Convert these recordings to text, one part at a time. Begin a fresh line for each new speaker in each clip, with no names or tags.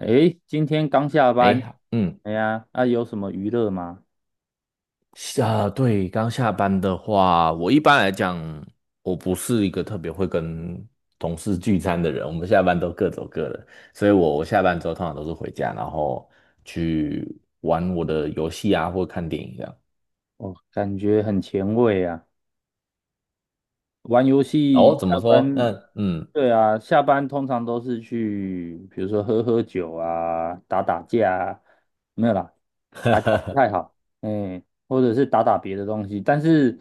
诶，今天刚下班，
哎，嗯，
哎呀，那有什么娱乐吗？
刚下班的话，我一般来讲，我不是一个特别会跟同事聚餐的人，我们下班都各走各的，所以我下班之后通常都是回家，然后去玩我的游戏啊，或看电影这样。
哦，感觉很前卫啊。玩游
哦，
戏
怎
下
么说？那
班，对啊，下班通常都是去，比如说喝喝酒啊，打打架啊，没有啦，打架不太好，哎，或者是打打别的东西。但是，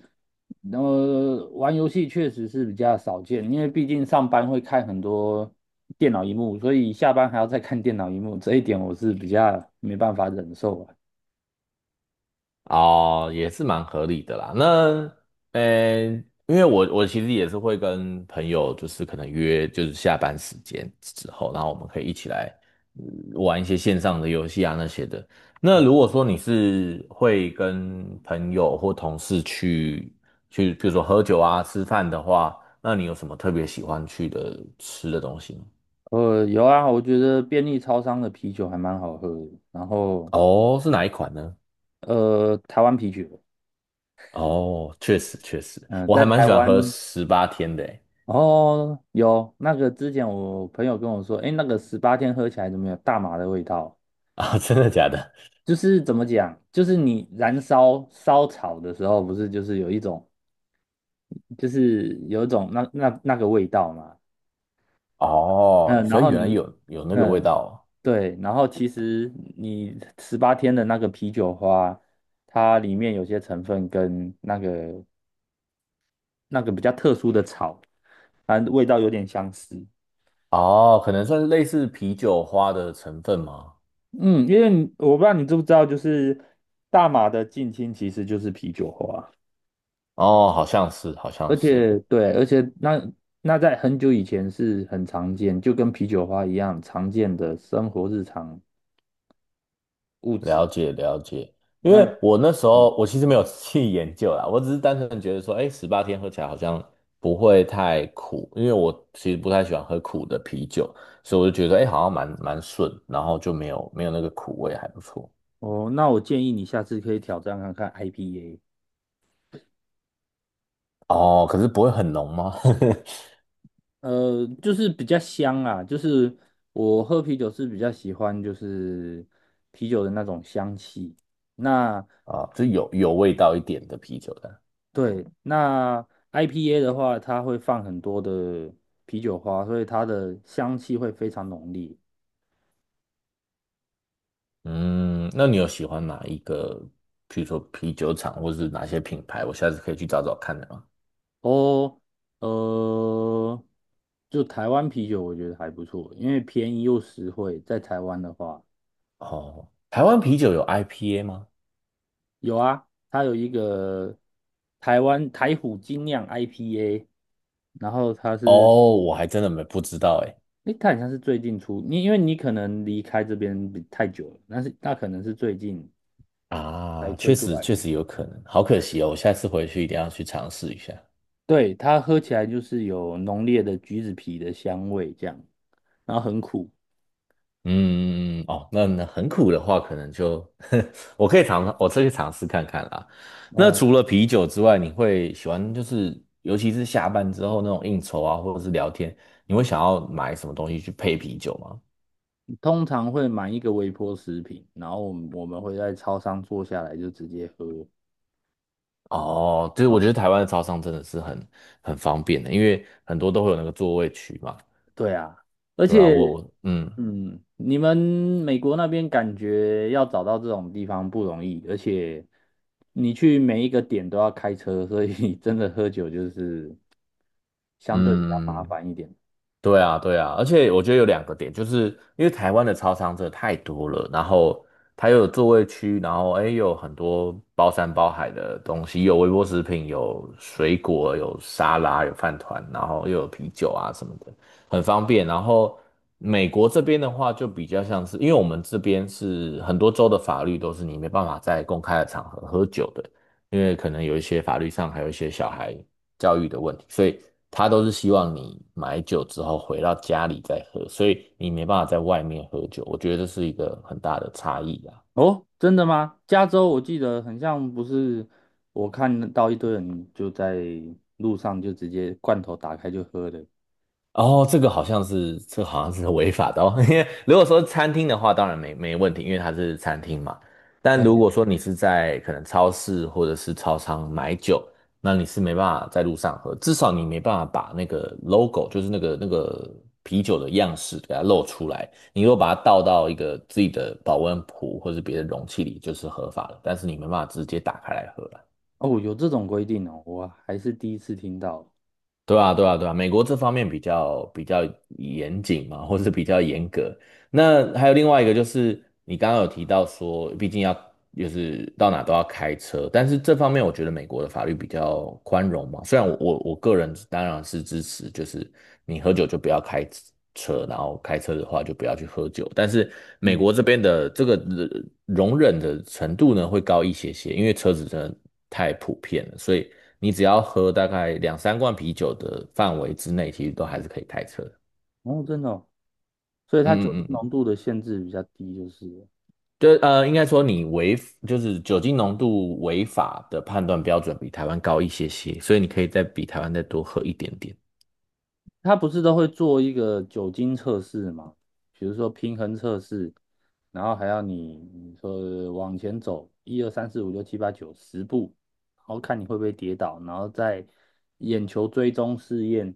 玩游戏确实是比较少见，因为毕竟上班会看很多电脑荧幕，所以下班还要再看电脑荧幕，这一点我是比较没办法忍受啊。
哦，也是蛮合理的啦。那，呃，因为我其实也是会跟朋友，就是可能约，就是下班时间之后，然后我们可以一起来呃玩一些线上的游戏啊那些的。那如果说你是会跟朋友或同事去，比如说喝酒啊、吃饭的话，那你有什么特别喜欢去的吃的东西吗？
有啊，我觉得便利超商的啤酒还蛮好喝的，然后
哦，是哪一款呢？
呃，台湾啤酒。
哦，确实确实，
嗯，
我
在
还蛮
台
喜欢喝
湾
十八天的诶。
哦，有那个之前我朋友跟我说，哎，那个十八天喝起来怎么有大麻的味道？
啊，真的假的？
就是怎么讲，就是你燃烧烧草的时候，不是就是有一种，就是有一种那个味道嘛。
哦，
嗯，然
所以
后
原来
你，
有那个味
嗯，
道
对，然后其实你十八天的那个啤酒花，它里面有些成分跟那个比较特殊的草，反正味道有点相似。
哦，哦可能算是类似啤酒花的成分吗？
嗯，因为你我不知道你知不知道，就是大马的近亲其实就是啤酒花，
哦，好像是，好
而
像是，
且对，而且那在很久以前是很常见，就跟啤酒花一样常见的生活日常物质。
了解了解。因
那嗯
为我那时候我其实没有 去研究啦，我只是单纯地觉得说，哎，十八天喝起来好像不会太苦，因为我其实不太喜欢喝苦的啤酒，所以我就觉得，哎，好像蛮顺，然后就没有那个苦味，还不错。
哦，那我建议你下次可以挑战看看 IPA，
哦，可是不会很浓吗？
就是比较香啊，就是我喝啤酒是比较喜欢就是啤酒的那种香气。那
啊，就有味道一点的啤酒的。
对，那 IPA 的话，它会放很多的啤酒花，所以它的香气会非常浓烈。
嗯，那你有喜欢哪一个，比如说啤酒厂，或是哪些品牌？我下次可以去找找看的吗？
哦，呃，就台湾啤酒，我觉得还不错，因为便宜又实惠。在台湾的话，
哦，台湾啤酒有 IPA 吗？
有啊，它有一个台湾台虎精酿 IPA，然后它是，
哦，我还真的没不知道哎。
诶，它好像是最近出，你因为你可能离开这边比太久了，但是那可能是最近才
啊，
推
确
出
实
来。
确实有可能，好可惜哦，我下次回去一定要去尝试一下。
对，它喝起来就是有浓烈的橘子皮的香味，这样，然后很苦。
嗯，嗯嗯哦，那那很苦的话，可能就 我可以尝，我可去尝试看看啦。那
嗯，
除了啤酒之外，你会喜欢就是，尤其是下班之后那种应酬啊，或者是聊天，你会想要买什么东西去配啤酒吗？
通常会买一个微波食品，然后我们会在超商坐下来就直接喝。
哦，就是我觉得台湾的超商真的是很方便的，因为很多都会有那个座位区嘛，
对啊，而
对啊，
且，
我
嗯，你们美国那边感觉要找到这种地方不容易，而且你去每一个点都要开车，所以 真的喝酒就是相对比较麻
嗯，
烦一点。
对啊，对啊，而且我觉得有两个点，就是因为台湾的超商真的太多了，然后它又有座位区，然后哎又有很多包山包海的东西，有微波食品，有水果，有沙拉，有饭团，然后又有啤酒啊什么的，很方便。然后美国这边的话，就比较像是，因为我们这边是很多州的法律都是你没办法在公开的场合喝酒的，因为可能有一些法律上还有一些小孩。教育的问题，所以他都是希望你买酒之后回到家里再喝，所以你没办法在外面喝酒，我觉得这是一个很大的差异啊。
哦，真的吗？加州我记得很像不是，我看到一堆人就在路上就直接罐头打开就喝的。
哦，这个好像是，这个好像是违法的哦。因为如果说餐厅的话，当然没问题，因为它是餐厅嘛。但如
哎，
果说你是在可能超市或者是超商买酒，那你是没办法在路上喝，至少你没办法把那个 logo,就是那个啤酒的样式给它露出来。你如果把它倒到一个自己的保温壶或者别的容器里，就是合法了。但是你没办法直接打开来喝啦
哦，有这种规定哦，我还是第一次听到。
对啊，对啊，对啊，美国这方面比较严谨嘛，或是比较严格。那还有另外一个就是，你刚刚有提到说，毕竟要就是到哪都要开车，但是这方面我觉得美国的法律比较宽容嘛。虽然我个人当然是支持，就是你喝酒就不要开车，然后开车的话就不要去喝酒，但是美
嗯，
国这边的这个容忍的程度呢会高一些些，因为车子真的太普遍了，所以。你只要喝大概两三罐啤酒的范围之内，其实都还是可以开车的
哦，真的哦，所以它酒
嗯
精
嗯嗯嗯，
浓度的限制比较低，就是了。
应该说你违就是酒精浓度违法的判断标准比台湾高一些些，所以你可以再比台湾再多喝一点点。
他不是都会做一个酒精测试吗？比如说平衡测试，然后还要你说往前走一二三四五六七八九十步，然后看你会不会跌倒，然后再眼球追踪试验。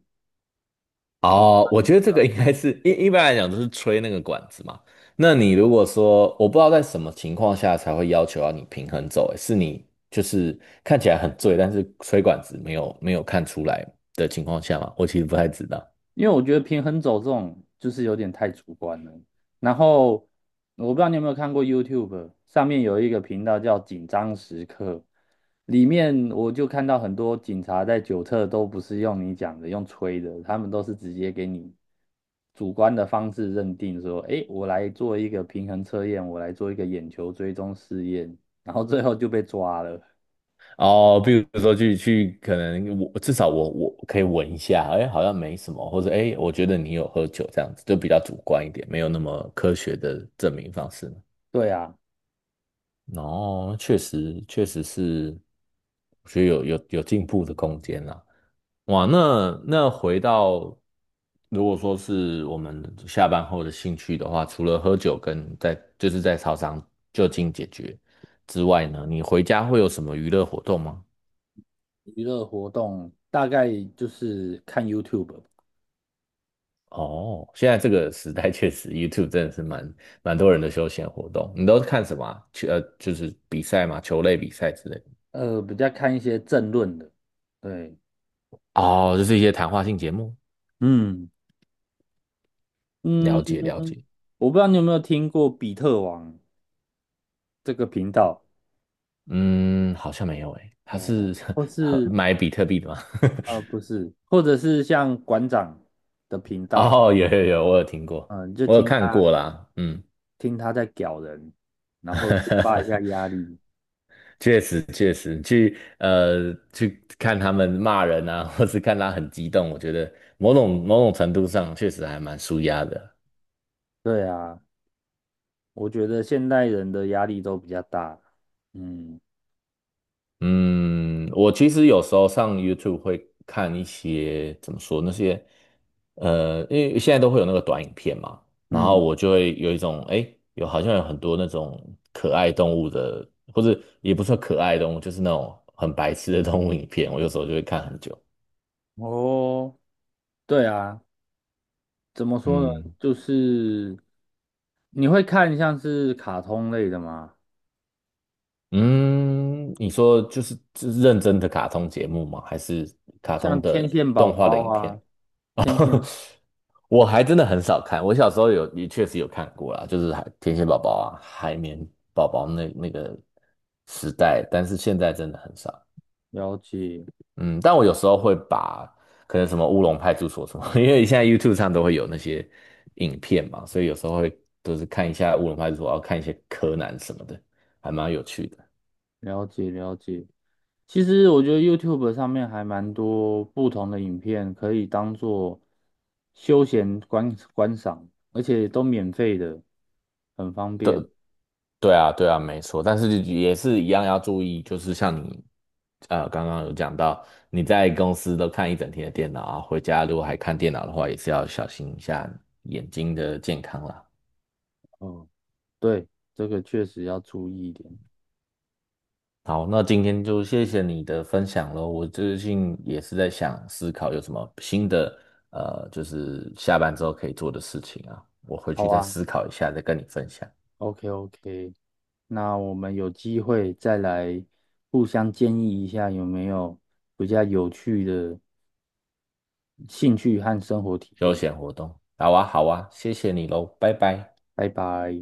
哦，我觉得这个应该是一般来讲都是吹那个管子嘛。那你如果说我不知道在什么情况下才会要求要你平衡走，欸是你就是看起来很醉，但是吹管子没有看出来的情况下嘛？我其实不太知道。
因为我觉得平衡走这种就是有点太主观了。然后我不知道你有没有看过 YouTube 上面有一个频道叫“紧张时刻”，里面我就看到很多警察在酒测都不是用你讲的，用吹的，他们都是直接给你主观的方式认定说，诶，我来做一个平衡测验，我来做一个眼球追踪试验，然后最后就被抓了。
哦，比如说去，可能我至少我可以闻一下，哎，好像没什么，或者哎，我觉得你有喝酒这样子，就比较主观一点，没有那么科学的证明方式。
对啊，
哦，确实确实是，我觉得有进步的空间啦。哇，那那回到如果说是我们下班后的兴趣的话，除了喝酒跟在就是在操场就近解决之外呢，你回家会有什么娱乐活动吗？
娱乐活动大概就是看 YouTube 吧。
哦，现在这个时代确实，YouTube 真的是蛮多人的休闲活动。你都是看什么啊就是比赛嘛，球类比赛之类的
比较看一些政论的，对，
哦，就是一些谈话性节目。
嗯嗯，
了解了解，
我不知道你有没有听过比特王这个频道。
嗯，好像没有诶，他
哦，
是
或 是
买比特币的吗？
不是，或者是像馆长的频 道，
哦，有有有，我有听过，
嗯、就
我有
听
看
他
过啦，嗯，
听他在屌人，然后抒发一下压 力。
确实确实，去去看他们骂人啊，或是看他很激动，我觉得某种程度上确实还蛮舒压的。
对啊，我觉得现代人的压力都比较大。嗯
嗯，我其实有时候上 YouTube 会看一些怎么说那些，因为现在都会有那个短影片嘛，然后
嗯，
我就会有一种，诶，有好像有很多那种可爱动物的，或者也不算可爱动物，就是那种很白痴的动物影片，我有时候就会看很久。
哦，对啊，怎么说呢？
嗯
就是你会看像是卡通类的吗？
嗯，你说就是认真的卡通节目吗？还是卡通
像
的
天线宝
动画的
宝
影片？
啊，天 线
我还真的很少看，我小时候有也确实有看过啦，就是海天线宝宝啊、海绵宝宝那个时代，但是现在真的很少。
了解
嗯，但我有时候会把可能什么乌龙派出所什么，因为现在 YouTube 上都会有那些影片嘛，所以有时候会都是看一下乌龙派出所，要看一些柯南什么的，还蛮有趣的。
了解。其实我觉得 YouTube 上面还蛮多不同的影片可以当做休闲观赏，而且都免费的，很方便。
对啊，对啊，没错，但是也是一样要注意，就是像你，刚刚有讲到，你在公司都看一整天的电脑啊，回家如果还看电脑的话，也是要小心一下眼睛的健康啦。
哦，对，这个确实要注意一点。
好，那今天就谢谢你的分享喽。我最近也是在想思考有什么新的，就是下班之后可以做的事情啊，我回
好
去再
啊，
思考一下，再跟你分享
OK OK，那我们有机会再来互相建议一下有没有比较有趣的兴趣和生活体
休
验。
闲活动。好啊，好啊，谢谢你喽，拜拜。
拜拜。